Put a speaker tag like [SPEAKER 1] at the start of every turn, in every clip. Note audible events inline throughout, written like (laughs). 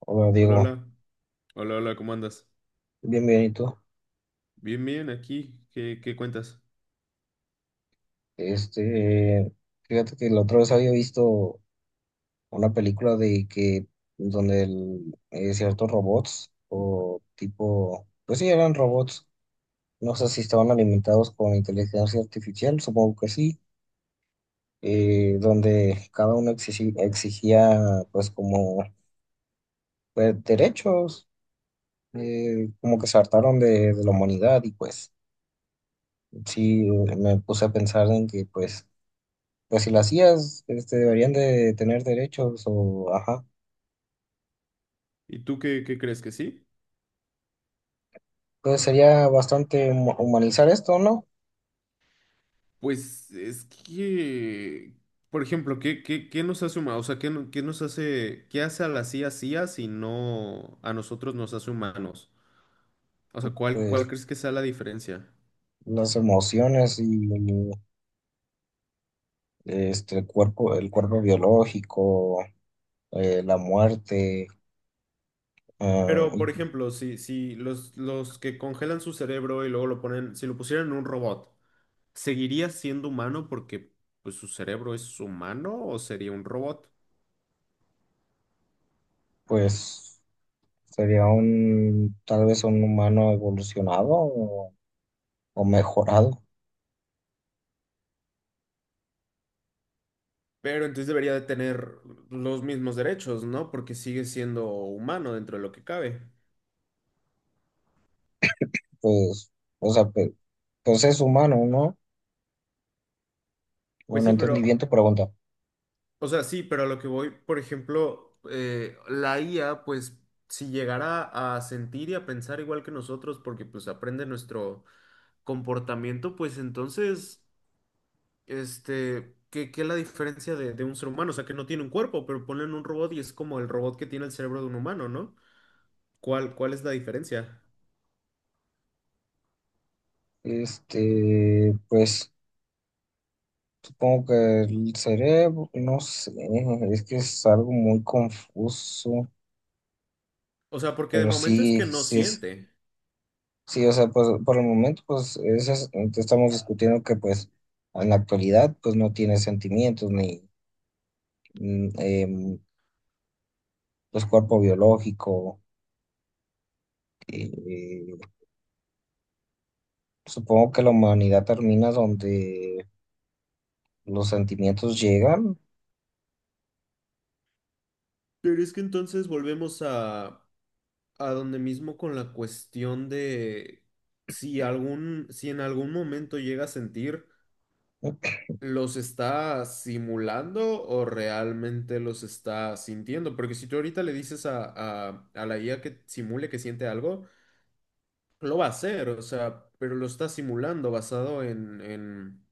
[SPEAKER 1] Hola
[SPEAKER 2] Hola,
[SPEAKER 1] Diego,
[SPEAKER 2] hola. Hola, hola, ¿cómo andas?
[SPEAKER 1] bien, bien, ¿y tú?
[SPEAKER 2] Bien, bien, aquí. ¿Qué cuentas?
[SPEAKER 1] Este, Fíjate que la otra vez había visto una película donde ciertos robots, o tipo, pues sí, eran robots, no sé si estaban alimentados con inteligencia artificial, supongo que sí, donde cada uno exigía, pues como, pues, derechos, como que se hartaron de la humanidad y pues sí, me puse a pensar en que pues pues si lo hacías, este, deberían de tener derechos o, ajá.
[SPEAKER 2] ¿Y tú qué crees que sí?
[SPEAKER 1] Entonces sería bastante humanizar esto, ¿no?
[SPEAKER 2] Pues es que, por ejemplo, ¿qué nos hace humanos? O sea, ¿qué, no- qué nos hace, qué hace a la CIA si no a nosotros nos hace humanos? O sea, ¿cuál
[SPEAKER 1] Pues
[SPEAKER 2] crees que sea la diferencia?
[SPEAKER 1] las emociones y este, el cuerpo biológico, la muerte, ah,
[SPEAKER 2] Pero, por
[SPEAKER 1] y
[SPEAKER 2] ejemplo, si los que congelan su cerebro y luego lo ponen, si lo pusieran en un robot, ¿seguiría siendo humano porque pues, su cerebro es humano o sería un robot?
[SPEAKER 1] pues sería un, tal vez un humano evolucionado o mejorado,
[SPEAKER 2] Pero entonces debería de tener los mismos derechos, ¿no? Porque sigue siendo humano dentro de lo que cabe.
[SPEAKER 1] pues, o sea, pues, es humano, ¿no?
[SPEAKER 2] Pues
[SPEAKER 1] Bueno,
[SPEAKER 2] sí,
[SPEAKER 1] entendí
[SPEAKER 2] pero,
[SPEAKER 1] bien tu pregunta.
[SPEAKER 2] o sea, sí, pero a lo que voy, por ejemplo, la IA, pues si llegara a sentir y a pensar igual que nosotros, porque pues aprende nuestro comportamiento, pues entonces, este, ¿qué es la diferencia de un ser humano? O sea, que no tiene un cuerpo, pero ponen un robot y es como el robot que tiene el cerebro de un humano, ¿no? ¿Cuál es la diferencia?
[SPEAKER 1] Este, pues... Supongo que el cerebro, no sé, es que es algo muy confuso,
[SPEAKER 2] O sea, porque de
[SPEAKER 1] pero
[SPEAKER 2] momento es
[SPEAKER 1] sí,
[SPEAKER 2] que no
[SPEAKER 1] sí es,
[SPEAKER 2] siente.
[SPEAKER 1] sí, o sea, pues por el momento, este, estamos discutiendo que pues en la actualidad pues no tiene sentimientos ni mm, em, pues cuerpo biológico. eh, supongo que la humanidad termina donde los sentimientos llegan.
[SPEAKER 2] Pero es que entonces volvemos a donde mismo con la cuestión de si en algún momento llega a sentir, ¿los está simulando o realmente los está sintiendo? Porque si tú ahorita le dices a la IA que simule que siente algo, lo va a hacer, o sea, pero lo está simulando basado en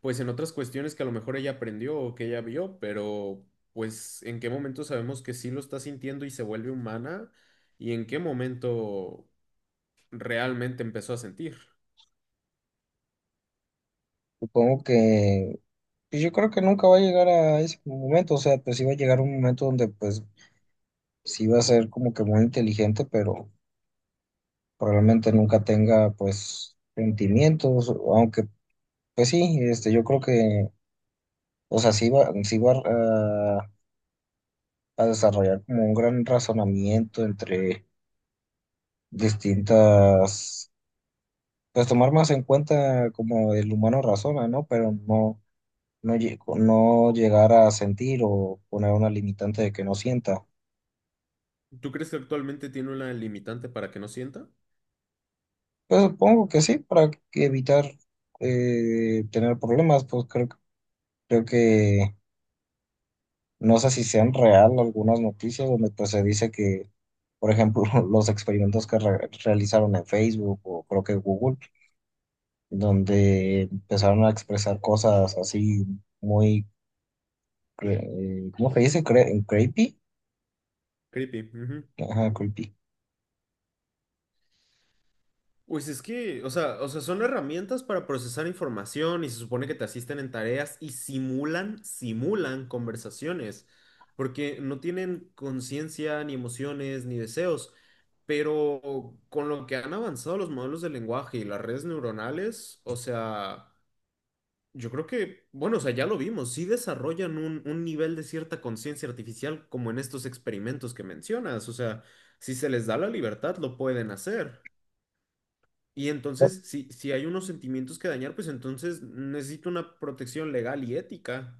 [SPEAKER 2] pues en otras cuestiones que a lo mejor ella aprendió o que ella vio, pero pues en qué momento sabemos que sí lo está sintiendo y se vuelve humana y en qué momento realmente empezó a sentir.
[SPEAKER 1] Supongo que pues, yo creo que nunca va a llegar a ese momento, o sea, pues sí va a llegar un momento donde pues sí va a ser como que muy inteligente, pero probablemente nunca tenga pues sentimientos, aunque pues sí, este, yo creo que, o sea, sí va a desarrollar como un gran razonamiento entre distintas, pues tomar más en cuenta como el humano razona, ¿no? Pero no, no, no llegar a sentir o poner una limitante de que no sienta.
[SPEAKER 2] ¿Tú crees que actualmente tiene una limitante para que no sienta?
[SPEAKER 1] Pues supongo que sí, para que evitar tener problemas, pues creo, creo que no sé si sean real algunas noticias donde pues se dice que, por ejemplo, (laughs) los experimentos que realizaron en Facebook o creo que Google, donde empezaron a expresar cosas así muy, ¿cómo se dice? Creepy.
[SPEAKER 2] Creepy. Ujú.
[SPEAKER 1] Ajá, creepy.
[SPEAKER 2] Pues es que, o sea, son herramientas para procesar información y se supone que te asisten en tareas y simulan conversaciones, porque no tienen conciencia, ni emociones, ni deseos. Pero con lo que han avanzado los modelos de lenguaje y las redes neuronales, o sea, yo creo que, bueno, o sea, ya lo vimos, sí desarrollan un nivel de cierta conciencia artificial como en estos experimentos que mencionas, o sea, si se les da la libertad, lo pueden hacer. Y
[SPEAKER 1] Pu-
[SPEAKER 2] entonces, si hay unos sentimientos que dañar, pues entonces necesito una protección legal y ética.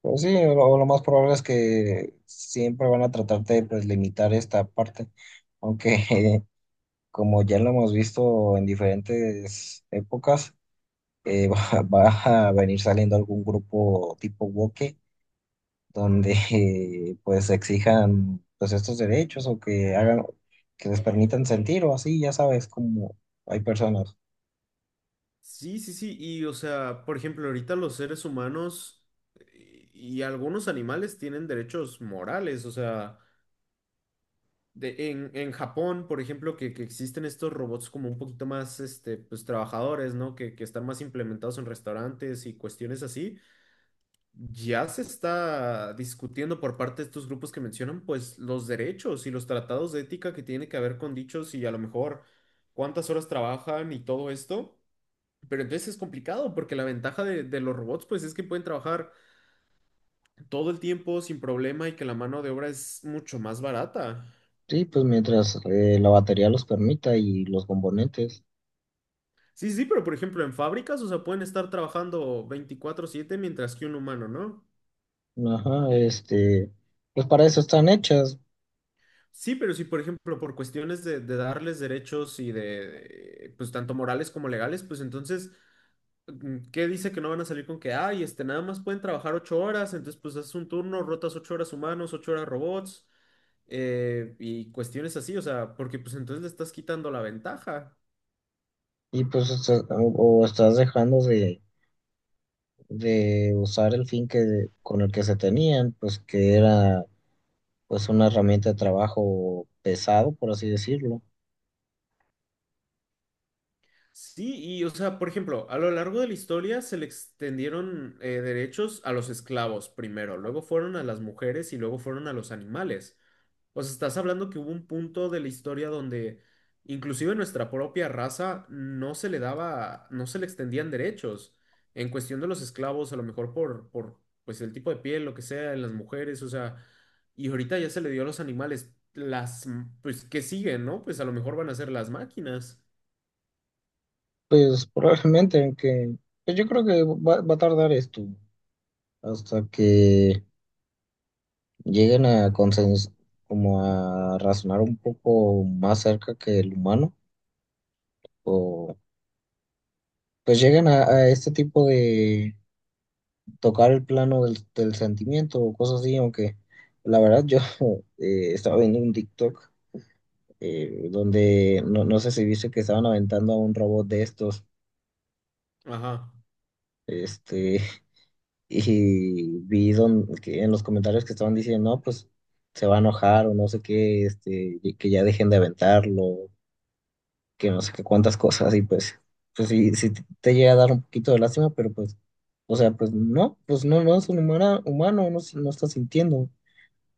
[SPEAKER 1] Pues sí, lo más probable es que siempre van a tratar de pues, limitar esta parte, aunque (laughs) como ya lo hemos visto en diferentes épocas, (laughs) va a venir saliendo algún grupo tipo woke donde pues exijan pues estos derechos o que hagan, que les permitan sentir o así, ya sabes, como hay personas.
[SPEAKER 2] Sí, sí, sí. Y o sea, por ejemplo, ahorita los seres humanos y algunos animales tienen derechos morales. O sea, en Japón, por ejemplo, que existen estos robots como un poquito más, este, pues trabajadores, ¿no? Que están más implementados en restaurantes y cuestiones así. Ya se está discutiendo por parte de estos grupos que mencionan, pues, los derechos y los tratados de ética que tiene que ver con dichos y a lo mejor cuántas horas trabajan y todo esto. Pero entonces es complicado porque la ventaja de los robots, pues, es que pueden trabajar todo el tiempo sin problema y que la mano de obra es mucho más barata.
[SPEAKER 1] Sí, pues mientras la batería los permita y los componentes.
[SPEAKER 2] Sí, sí, pero por ejemplo en fábricas, o sea, pueden estar trabajando veinticuatro siete mientras que un humano, ¿no?
[SPEAKER 1] Ajá, este, pues para eso están hechas
[SPEAKER 2] Sí, pero si, por ejemplo, por cuestiones de darles derechos y de, pues, tanto morales como legales, pues entonces, ¿qué dice que no van a salir con que, ay, este, nada más pueden trabajar ocho horas, entonces, pues, haces un turno, rotas ocho horas humanos, ocho horas robots, y cuestiones así, o sea, porque, pues, entonces le estás quitando la ventaja.
[SPEAKER 1] y o estás dejando de usar el fin que, con el que se tenían, pues que era pues una herramienta de trabajo pesado, por así decirlo.
[SPEAKER 2] Sí, y o sea, por ejemplo, a lo largo de la historia se le extendieron derechos a los esclavos primero, luego fueron a las mujeres y luego fueron a los animales. O sea, estás hablando que hubo un punto de la historia donde inclusive nuestra propia raza no se le daba, no se le extendían derechos. En cuestión de los esclavos, a lo mejor por pues el tipo de piel, lo que sea, en las mujeres, o sea, y ahorita ya se le dio a los animales las, pues, que siguen, ¿no? Pues a lo mejor van a ser las máquinas.
[SPEAKER 1] Pues probablemente, aunque pues yo creo que va, va a tardar esto hasta que lleguen a consens como a razonar un poco más cerca que el humano, o pues lleguen a este tipo de tocar el plano del sentimiento o cosas así, aunque la verdad yo (laughs) estaba viendo un TikTok donde no, no sé si viste que estaban aventando a un robot de estos.
[SPEAKER 2] Ajá.
[SPEAKER 1] Este, y que en los comentarios que estaban diciendo, no, pues se va a enojar o no sé qué, este, y que ya dejen de aventarlo, que no sé qué cuántas cosas, y pues, pues sí, sí te llega a dar un poquito de lástima, pero pues, o sea, pues no, no es un humano, no, no está sintiendo, o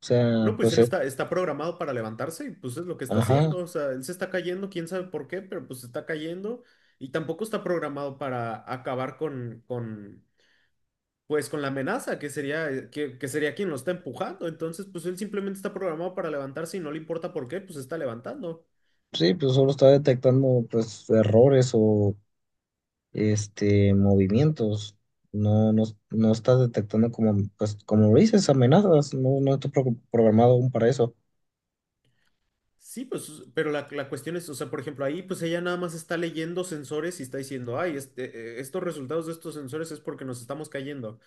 [SPEAKER 1] sea,
[SPEAKER 2] No, pues
[SPEAKER 1] pues
[SPEAKER 2] él
[SPEAKER 1] es,
[SPEAKER 2] está, está programado para levantarse y pues es lo que está
[SPEAKER 1] ajá,
[SPEAKER 2] haciendo. O sea, él se está cayendo, quién sabe por qué, pero pues se está cayendo y tampoco está programado para acabar pues con la amenaza que sería, que sería quien lo está empujando. Entonces, pues él simplemente está programado para levantarse y no le importa por qué, pues se está levantando.
[SPEAKER 1] sí, pues solo está detectando pues errores o, este, movimientos. No, no, no está detectando como, pues, como dices, amenazas. No, no está programado aún para eso.
[SPEAKER 2] Sí, pues, pero la cuestión es, o sea, por ejemplo, ahí pues ella nada más está leyendo sensores y está diciendo, ay, este, estos resultados de estos sensores es porque nos estamos cayendo.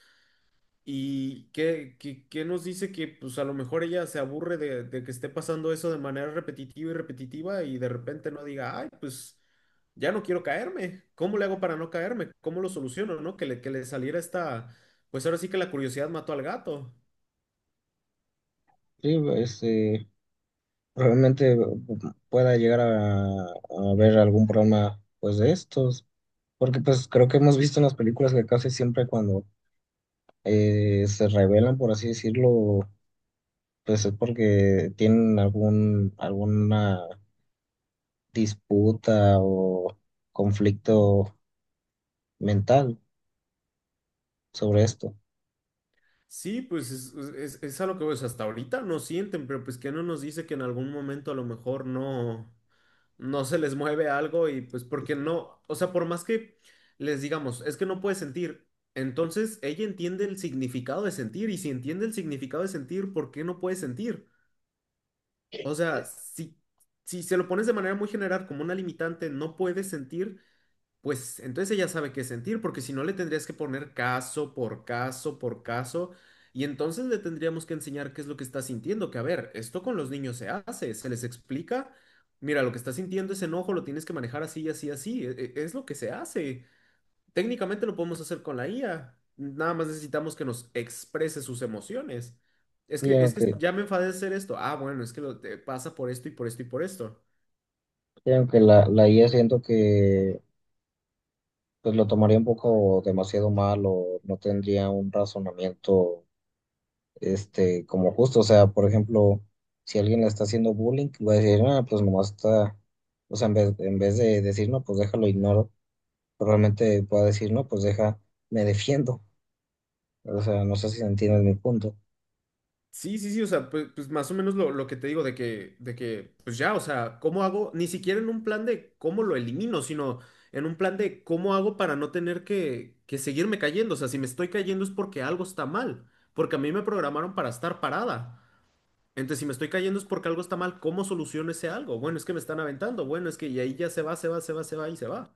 [SPEAKER 2] ¿Y qué nos dice que pues a lo mejor ella se aburre de que esté pasando eso de manera repetitiva y repetitiva y de repente no diga, ay, pues ya no quiero caerme, ¿cómo le hago para no caerme? ¿Cómo lo soluciono, no? Que le saliera esta, pues ahora sí que la curiosidad mató al gato.
[SPEAKER 1] Sí, este, probablemente pueda llegar a ver algún programa, pues, de estos. Porque, pues, creo que hemos visto en las películas que casi siempre cuando se revelan, por así decirlo, pues es porque tienen algún, alguna disputa o conflicto mental sobre esto.
[SPEAKER 2] Sí, pues es a lo que pues, hasta ahorita no sienten, pero pues que no nos dice que en algún momento a lo mejor no. No se les mueve algo y pues porque no, o sea, por más que les digamos, es que no puede sentir, entonces ella entiende el significado de sentir y si entiende el significado de sentir, ¿por qué no puede sentir? O sea, si se lo pones de manera muy general como una limitante, no puede sentir, pues entonces ella sabe qué sentir, porque si no le tendrías que poner caso por caso por caso, y entonces le tendríamos que enseñar qué es lo que está sintiendo, que a ver, esto con los niños se hace, se les explica, mira, lo que está sintiendo es enojo, lo tienes que manejar así, así, así, es lo que se hace. Técnicamente lo podemos hacer con la IA, nada más necesitamos que nos exprese sus emociones. Es
[SPEAKER 1] Sí,
[SPEAKER 2] que, es que
[SPEAKER 1] aunque,
[SPEAKER 2] ya me enfadé de hacer esto, ah, bueno, es que te pasa por esto y por esto y por esto.
[SPEAKER 1] sí, aunque la IA siento que pues lo tomaría un poco demasiado mal o no tendría un razonamiento este como justo. O sea, por ejemplo, si alguien le está haciendo bullying, va a decir, ah, pues nomás está, o sea, en vez de decir, no, pues déjalo, ignoro, pero realmente puede decir, no, pues deja, me defiendo. O sea, no sé si entiendes mi punto.
[SPEAKER 2] Sí, sí, sí, o sea, pues, pues más o menos lo que te digo de que, pues ya, o sea, ¿cómo hago? Ni siquiera en un plan de cómo lo elimino, sino en un plan de cómo hago para no tener que seguirme cayendo. O sea, si me estoy cayendo es porque algo está mal, porque a mí me programaron para estar parada. Entonces, si me estoy cayendo es porque algo está mal, ¿cómo soluciono ese algo? Bueno, es que me están aventando, bueno, es que y ahí ya se va, se va, se va, se va y se va.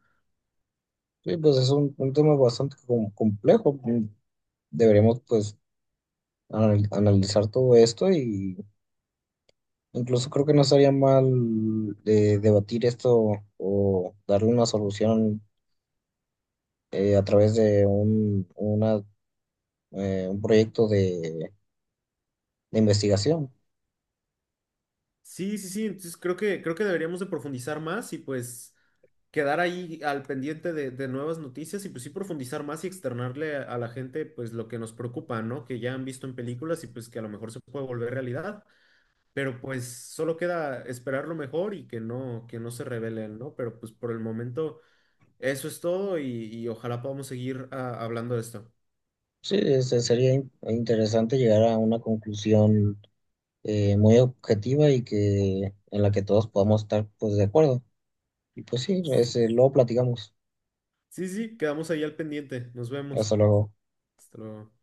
[SPEAKER 1] Sí, pues es un tema bastante complejo. Mm, deberíamos pues analizar todo esto y incluso creo que no estaría mal debatir esto o darle una solución a través de una, un proyecto de investigación.
[SPEAKER 2] Sí, sí, sí, entonces creo que deberíamos de profundizar más y pues... quedar ahí al pendiente de nuevas noticias y pues sí profundizar más y externarle a la gente pues lo que nos preocupa, ¿no? Que ya han visto en películas y pues que a lo mejor se puede volver realidad, pero pues solo queda esperar lo mejor y que no se revelen, ¿no? Pero pues por el momento eso es todo y ojalá podamos seguir hablando de esto.
[SPEAKER 1] Sí, este, sería interesante llegar a una conclusión muy objetiva y que en la que todos podamos estar pues de acuerdo. Y pues sí, ese, luego platicamos.
[SPEAKER 2] Sí, sí, quedamos ahí al pendiente. Nos
[SPEAKER 1] Hasta
[SPEAKER 2] vemos.
[SPEAKER 1] luego.
[SPEAKER 2] Hasta luego.